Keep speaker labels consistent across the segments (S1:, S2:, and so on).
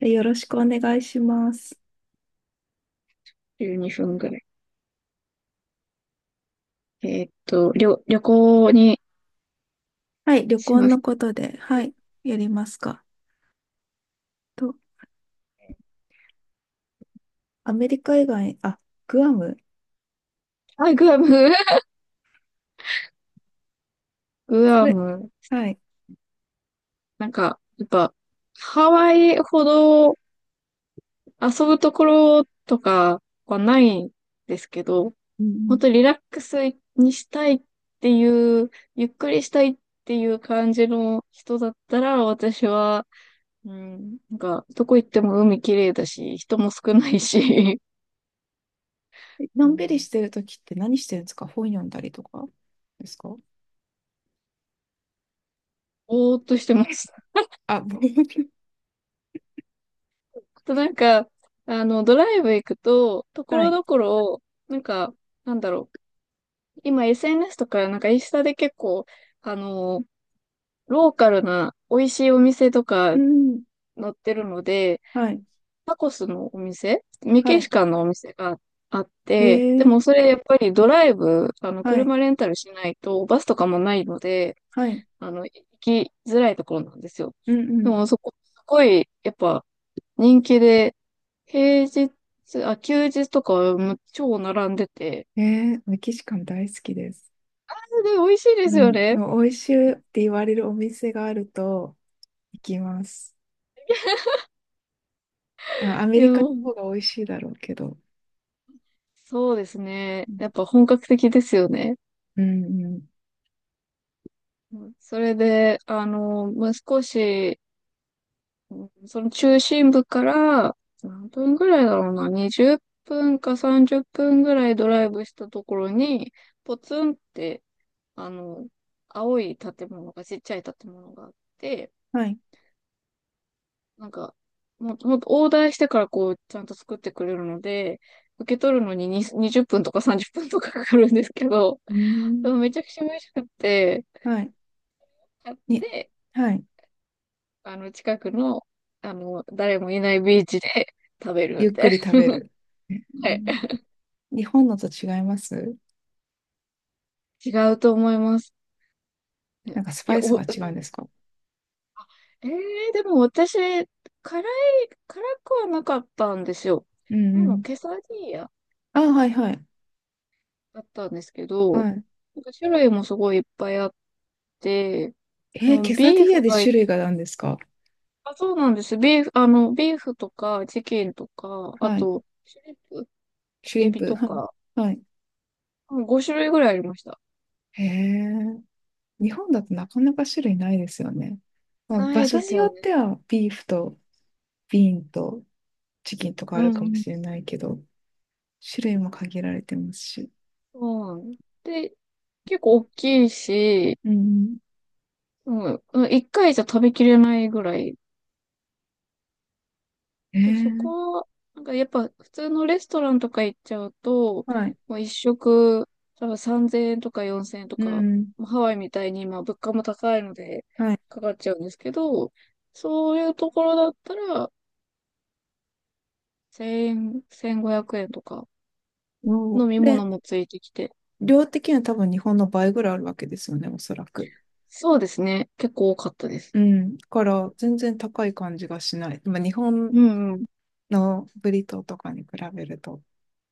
S1: よろしくお願いします。
S2: 12分ぐらい。旅行に
S1: はい、旅
S2: し
S1: 行
S2: ます。
S1: のことで、はい、やりますか。と、アメリカ以外、あ、グアム、
S2: あ、グアム。 グ
S1: そ
S2: ア
S1: れ、
S2: ム。
S1: はい。
S2: なんか、やっぱ、ハワイほど遊ぶところとかはないんですけど、
S1: うんう
S2: 本当
S1: ん。
S2: リラックスにしたいっていう、ゆっくりしたいっていう感じの人だったら、私は、うん、なんか、どこ行っても海綺麗だし、人も少ないし。う
S1: のんびり
S2: ん、
S1: してるときって何してるんですか？本読んだりとかですか？
S2: ぼーっとしてます。
S1: あ、
S2: となんか、あの、ドライブ行くと、とこ
S1: は
S2: ろ
S1: い。
S2: どころ、なんか、なんだろう。今 SNS とか、なんかインスタで結構、あの、ローカルな美味しいお店とか
S1: うん。
S2: 載ってるので、
S1: はい。
S2: タコスのお店、メ
S1: は
S2: キシ
S1: い。
S2: カンのお店があっ
S1: へ
S2: て、で
S1: え。
S2: もそれやっぱりドライブ、あの、
S1: はい。
S2: 車レンタルしないと、バスとかもないので、
S1: はい。
S2: あの、行きづらいところなんですよ。
S1: うん
S2: で
S1: う
S2: もそこ、すごい、やっぱ、人気で、平日、あ、休日とかも超並んでて、
S1: ん。メキシカン大好きです。
S2: で、美味しいで
S1: う
S2: すよ
S1: ん。で
S2: ね。
S1: も美味しいって言われるお店があると行きます。あ、ア
S2: い
S1: メリカの
S2: や、
S1: 方が美味しいだろうけど。
S2: そうですね。やっぱ本格的ですよね。
S1: うんうん。
S2: うん、それで、あの、もう少し、うん、その中心部から、何分ぐらいだろうな、20分か30分ぐらいドライブしたところに、ポツンって、あの、青い建物が、ちっちゃい建物があって、
S1: はい。
S2: なんか、もう、ほんオーダーしてからこう、ちゃんと作ってくれるので、受け取るのに20分とか30分とかかかるんですけど、
S1: うー
S2: でも
S1: ん。
S2: めちゃくちゃ美味しくて、
S1: はい。
S2: 買っ
S1: に、
S2: て、
S1: はい。
S2: あの、近くの、あの、誰もいないビーチで 食べる
S1: ゆ
S2: み
S1: っ
S2: た
S1: く
S2: い
S1: り食べ
S2: な。
S1: る。う
S2: はい。
S1: ん。日本のと違います？
S2: 違うと思います。ね。
S1: なんかス
S2: い
S1: パ
S2: や、
S1: イス
S2: お、う
S1: が
S2: ん、
S1: 違うんですか？
S2: えでも私、辛くはなかったんですよ。
S1: う
S2: あ
S1: んう
S2: の、
S1: ん。
S2: ケサディーヤ
S1: あ、はいはい。
S2: だったんですけど、
S1: はい。
S2: なんか種類もすごいいっぱいあって、でも、
S1: ケサ
S2: ビ
S1: デ
S2: ー
S1: ィーヤ
S2: フ
S1: で
S2: が一、
S1: 種類が何ですか？
S2: あ、そうなんです。ビーフ、とか、チキンとか、あ
S1: はい。
S2: と、シュリンプ、
S1: シュリ
S2: エ
S1: ン
S2: ビ
S1: プ。
S2: と
S1: はい。
S2: か、
S1: はい。
S2: 5種類ぐらいありました。
S1: へえ。日本だとなかなか種類ないですよね。まあ、
S2: な
S1: 場
S2: いで
S1: 所
S2: す
S1: に
S2: よ
S1: よっ
S2: ね。
S1: てはビーフとビーンとチキンとか
S2: う
S1: ある
S2: ん、
S1: か
S2: う
S1: も
S2: ん。
S1: しれないけど、種類も限られてますし。
S2: そうなんで結構大きいし、
S1: うん
S2: うん、1回じゃ食べきれないぐらい
S1: うん。
S2: と、そ
S1: ええ。
S2: こ、なんかやっぱ普通のレストランとか行っちゃうと、
S1: はい。
S2: もう一食、多分3000円とか4000円と
S1: うん
S2: か、
S1: うん。
S2: もうハワイみたいに今物価も高いので
S1: はい。
S2: かかっちゃうんですけど、そういうところだったら、1円、1500円とか、
S1: も
S2: 飲み
S1: うで、
S2: 物もついてきて。
S1: 量的には多分日本の倍ぐらいあるわけですよね、おそらく。
S2: そうですね。結構多かったです。
S1: うん。だから全然高い感じがしない。まあ、日本
S2: うんうん。
S1: のブリトーとかに比べると。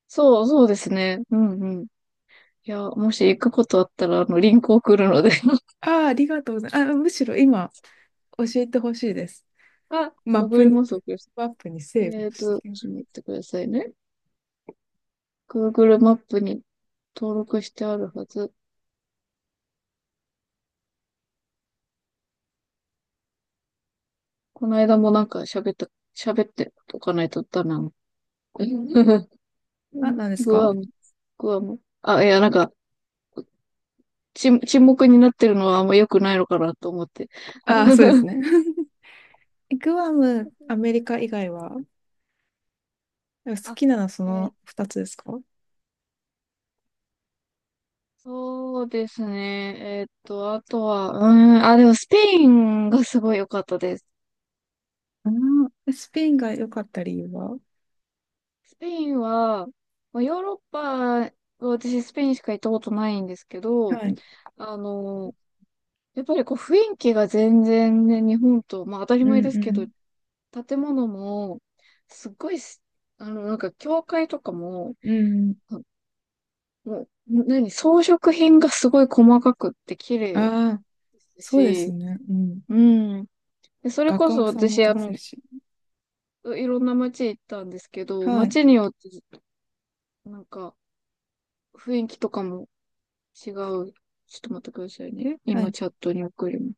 S2: そうですね。うんうん。いや、もし行くことあったら、あの、リンク送るので。
S1: ああ、ありがとうございます。あ、むしろ今教えてほしいです。
S2: あ、
S1: マッ
S2: 送
S1: プ
S2: り
S1: に、
S2: ます、送ります。
S1: マップにセーブしてきま
S2: ちょ
S1: す。
S2: っと待ってくださいね。Google マップに登録してあるはず。この間もなんか喋っておかないとダメなの。
S1: あ、何です
S2: グ
S1: か？
S2: アム、グアム。あ、いや、なんか、沈黙になってるのはあんま良くないのかなと思って。
S1: ああ、そうですね。グアム、アメリカ以外は好
S2: あ、
S1: きなのはそ
S2: えー
S1: の2つですか？
S2: そうですね。あとは、うーん、あ、でもスペインがすごい良かったです。
S1: うん、スペインが良かった理由は？
S2: スペインは、まあ、ヨーロッパ、私スペインしか行ったことないんですけど、
S1: はい。
S2: あの、やっぱりこう雰囲気が全然ね、日本と、まあ当たり
S1: う
S2: 前
S1: ん
S2: です
S1: う
S2: けど、
S1: ん。
S2: 建物も、すっごいす、あの、なんか教会とかも、
S1: うん。
S2: あ、もう、何、装飾品がすごい細かくって綺麗で
S1: ああ、
S2: す
S1: そうです
S2: し、
S1: ね。うん。
S2: うん。で、それ
S1: 画
S2: こそ
S1: 家さんも
S2: 私、
S1: た
S2: あ
S1: くさんい
S2: の、
S1: るし。
S2: いろんな街行ったんですけど、
S1: はい。
S2: 街によって、なんか雰囲気とかも違う。ちょっと待ってくださいね。
S1: は
S2: 今
S1: い。
S2: チャットに送ります。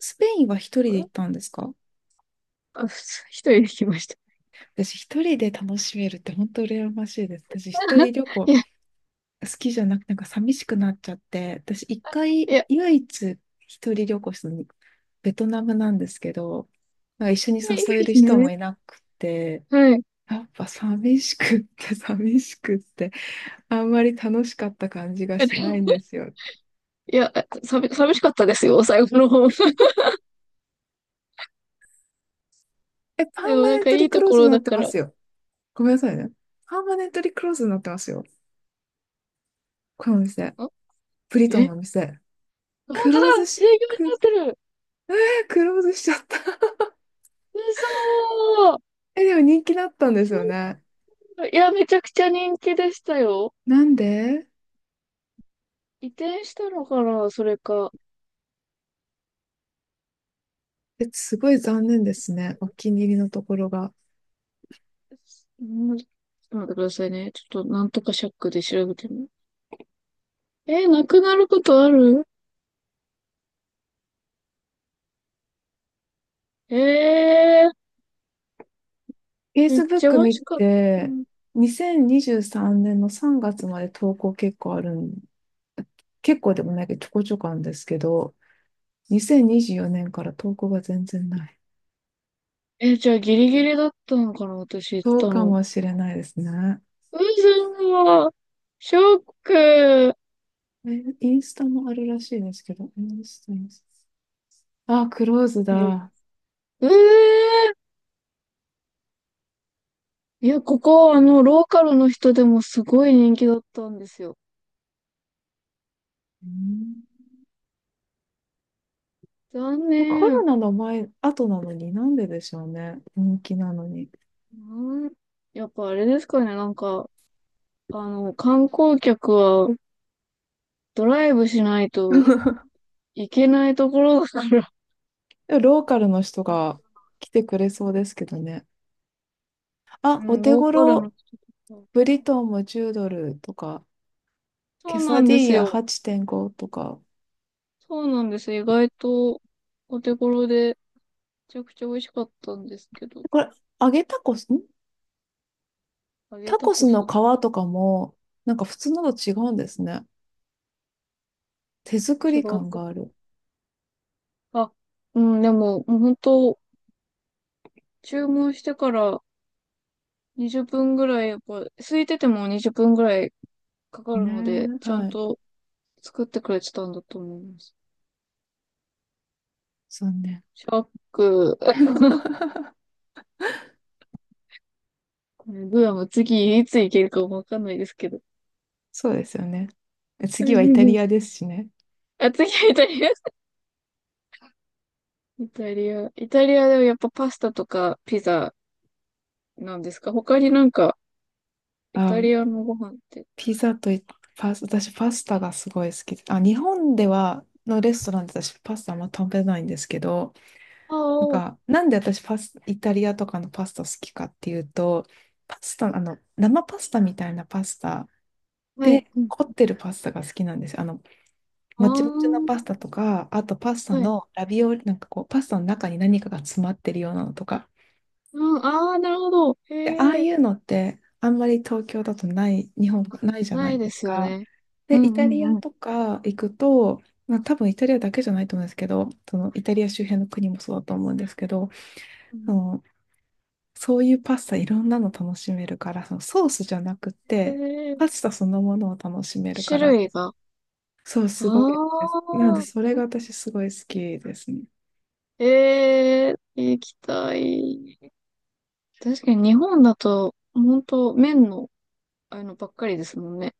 S1: スペインは一人
S2: あ
S1: で
S2: れ、
S1: 行ったんですか？
S2: あ、ふ一人で来ました。
S1: 私一人で楽しめるって本当羨ましいです。私一人旅 行
S2: い
S1: 好
S2: や、
S1: きじゃなくてなんか寂しくなっちゃって、私一
S2: い
S1: 回
S2: や、
S1: 唯一一人旅行したのベトナムなんですけど、なんか一緒に
S2: いい
S1: 誘え
S2: で
S1: る
S2: す
S1: 人も
S2: ね。
S1: いなくて、
S2: はい。
S1: やっぱ寂しくって寂しくってあんまり楽しかった感じがしないんで すよね。
S2: いや、寂しかったですよ、最後の方。
S1: え、パー
S2: でも
S1: マ
S2: なん
S1: ネン
S2: か
S1: ト
S2: いい
S1: リク
S2: と
S1: ロー
S2: こ
S1: ズ
S2: ろ
S1: にな
S2: だ
S1: って
S2: か
S1: ま
S2: ら。
S1: すよ。ごめんなさいね。パーマネントリクローズになってますよ。このお店。
S2: あ、
S1: ブリトン
S2: え、
S1: のお店。
S2: 本
S1: ク
S2: 当だ。
S1: ローズ
S2: 営業
S1: し、く、
S2: になってる。
S1: クローズしちゃった。
S2: 嘘ー。
S1: え、でも人気だったんです
S2: ちょ
S1: よね。
S2: いや、めちゃくちゃ人気でしたよ。
S1: なんで？
S2: 移転したのかな、それか。
S1: え、すごい残念ですね。お気に入りのところが。
S2: うん、ちょっと待ってくださいね。ちょっとなんとかシャックで調べてみる。なくなることある。えー、めっちゃ
S1: Facebook
S2: 美味
S1: 見
S2: しかった。
S1: て、2023年の3月まで投稿結構あるん、結構でもないけどちょこちょこあるんですけど、2024年から投稿が全然ない。
S2: じゃあギリギリだったのかな、私行っ
S1: そ
S2: た
S1: うか
S2: の。
S1: もしれないですね。
S2: う、さ、ショック。
S1: えインスタもあるらしいですけど、インスタ。あ、クローズ
S2: え
S1: だ。
S2: えー、いや、ここ、あの、ローカルの人でもすごい人気だったんですよ。
S1: うん。
S2: 残
S1: で、コ
S2: 念。
S1: ロナの前、後なのになんででしょうね。人気なのに。
S2: うん、やっぱあれですかね、なんか、あの、観光客はドライブしない といけないところだから、
S1: でローカルの人が来てくれそうですけどね。
S2: う
S1: あ、お
S2: ん、
S1: 手
S2: ローカルの
S1: 頃、
S2: 人とか。
S1: ブリトーも10ドルとか、
S2: そ
S1: ケ
S2: うな
S1: サ
S2: ん
S1: デ
S2: で
S1: ィー
S2: す
S1: ヤ
S2: よ。
S1: 8.5とか。
S2: そうなんです。意外と、お手頃で、めちゃくちゃ美味しかったんですけど、
S1: これ、揚げタコス、
S2: 揚げ
S1: タ
S2: タ
S1: コ
S2: コ
S1: スの
S2: ス。
S1: 皮とかも、なんか普通のと違うんですね。手作
S2: 違
S1: り
S2: っ
S1: 感があ
S2: た。
S1: る。
S2: あ、うん、でも、もう本当、注文してから20分ぐらい、やっぱ、空いてても20分ぐらいかか
S1: ねえ
S2: るので、
S1: ー、
S2: ちゃん
S1: はい。
S2: と作ってくれてたんだと思います。
S1: 残念。
S2: ショック。これグアム次いつ行けるかもわかんないですけど。
S1: そうですよね。次はイタリア ですしね。
S2: あ、次はイタリア。イタリア。イタリアではやっぱパスタとかピザなんですか？他になんか、イタリ
S1: あ、
S2: アのご飯って。
S1: ピザといパス、私パスタがすごい好きで。あ、日本ではのレストランで私パスタあんま食べないんですけど、
S2: あ
S1: な
S2: あ、
S1: ん
S2: は
S1: か、なんで私イタリアとかのパスタ好きかっていうと、パスタ、生パスタみたいなパスタ
S2: い。
S1: で、
S2: うん、
S1: 凝ってるパスタが好きなんですよ。もちもちの
S2: あ
S1: パスタとか、あとパス
S2: あ、
S1: タ
S2: はい。
S1: のラビオリ、なんかこう、パスタの中に何かが詰まってるようなのとか。
S2: うん、ああ、なるほど。
S1: で、ああ
S2: へえ。
S1: いうのって、あんまり東京だとない、日本がないじゃ
S2: な
S1: な
S2: い
S1: い
S2: で
S1: です
S2: すよ
S1: か。
S2: ね。う
S1: で、
S2: ん
S1: イタリ
S2: うん
S1: ア
S2: うん。
S1: とか行くと、まあ、多分イタリアだけじゃないと思うんですけど、そのイタリア周辺の国もそうだと思うんですけど、そのそういうパスタいろんなの楽しめるから、そのソースじゃなく
S2: え
S1: て、
S2: ー、
S1: パスタそのものを楽しめるか
S2: 種
S1: ら、
S2: 類が。
S1: そう、すごい
S2: あ
S1: です。なので、そ
S2: あ、
S1: れが私すごい好きですね。
S2: 液体。確かに日本だと、本当麺の、あの、ばっかりですもんね。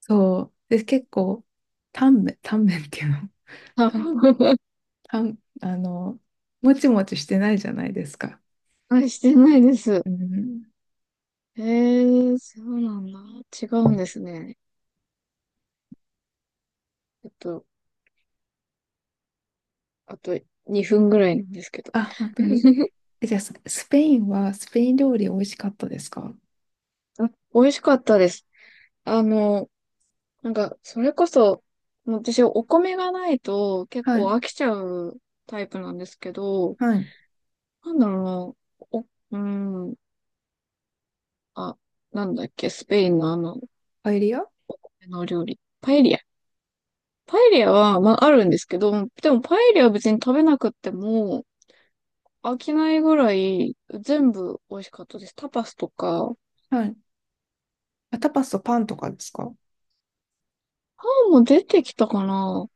S1: そう。で、結構、タンメン、タンメンっていうの、
S2: 多
S1: タン、
S2: 分。
S1: タン、あの、もちもちしてないじゃないですか。
S2: あ、してないです。
S1: うん。
S2: そうなんだ。違うんですね。ちょっと、あと2分ぐらいなんですけど。
S1: あ、本当に。え、じゃあ、スペイン料理美味しかったですか？
S2: あ、美味しかったです。あの、なんか、それこそ、もう私、お米がないと結
S1: は
S2: 構
S1: い。
S2: 飽きちゃうタイプなんですけど、
S1: はい。
S2: なんだろうな、お、うーん、あ、なんだっけ、スペインのあの、
S1: パエリア。
S2: あの料理。パエリア。パエリアは、まあ、あるんですけど、でもパエリアは別に食べなくっても、飽きないぐらい全部美味しかったです。タパスとか、
S1: はい。あ、タパスとパンとかですか？
S2: パンも出てきたかな、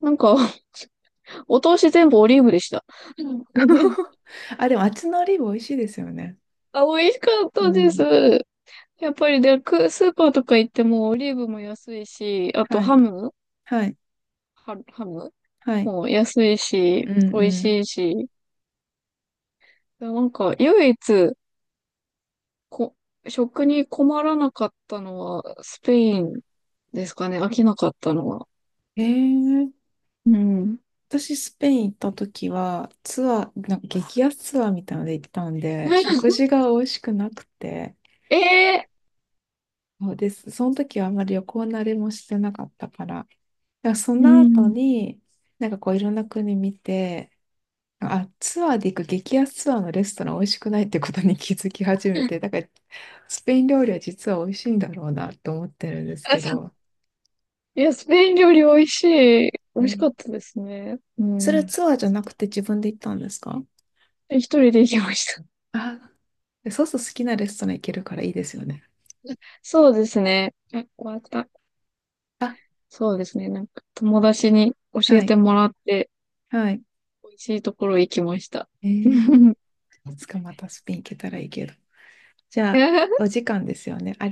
S2: なんか。お通し全部オリーブでした。うん。
S1: あ、でも、あっちのオリーブ美味しいですよね。
S2: あ、美味しかっ
S1: う
S2: たです。
S1: ん。
S2: やっぱりで、スーパーとか行ってもオリーブも安いし、あと
S1: は
S2: ハ
S1: い。
S2: ム、
S1: はい。
S2: ハム
S1: はい。
S2: も安いし、
S1: う
S2: 美味
S1: んう
S2: しいし、なんか唯一こ、食に困らなかったのはスペインですかね、飽きなかったのは。
S1: ん。へえ。
S2: うん。
S1: 私、スペイン行った時は、ツアー、なんか激安ツアーみたいなので行ったんで、食事 が美味しくなくて、
S2: ええ、
S1: そうです。その時はあんまり旅行慣れもしてなかったから、だからそ
S2: う
S1: の後
S2: ん。
S1: に、なんかこういろんな国見て、あ、ツアーで行く激安ツアーのレストラン美味しくないってことに 気づき始めて、だからスペイン料理は実は美味しいんだろうなと思ってるんです
S2: あ、
S1: け
S2: そう、
S1: ど、
S2: いや、スペイン料理美味しい。美
S1: う
S2: 味しか
S1: ん。
S2: ったですね。う
S1: それは
S2: ん。
S1: ツアーじゃなくて自分で行ったんですか？
S2: 一人で行きました。
S1: あ、そうすると好きなレストラン行けるからいいですよね。
S2: そうですね。あ、終わった。
S1: あ。
S2: そうですね。なんか友達に教え
S1: はい。
S2: てもらって、
S1: はい。
S2: 美味しいところ行きました。
S1: えー、いつかまたスペイン行けたらいいけど。じゃあ、お時間ですよね。あり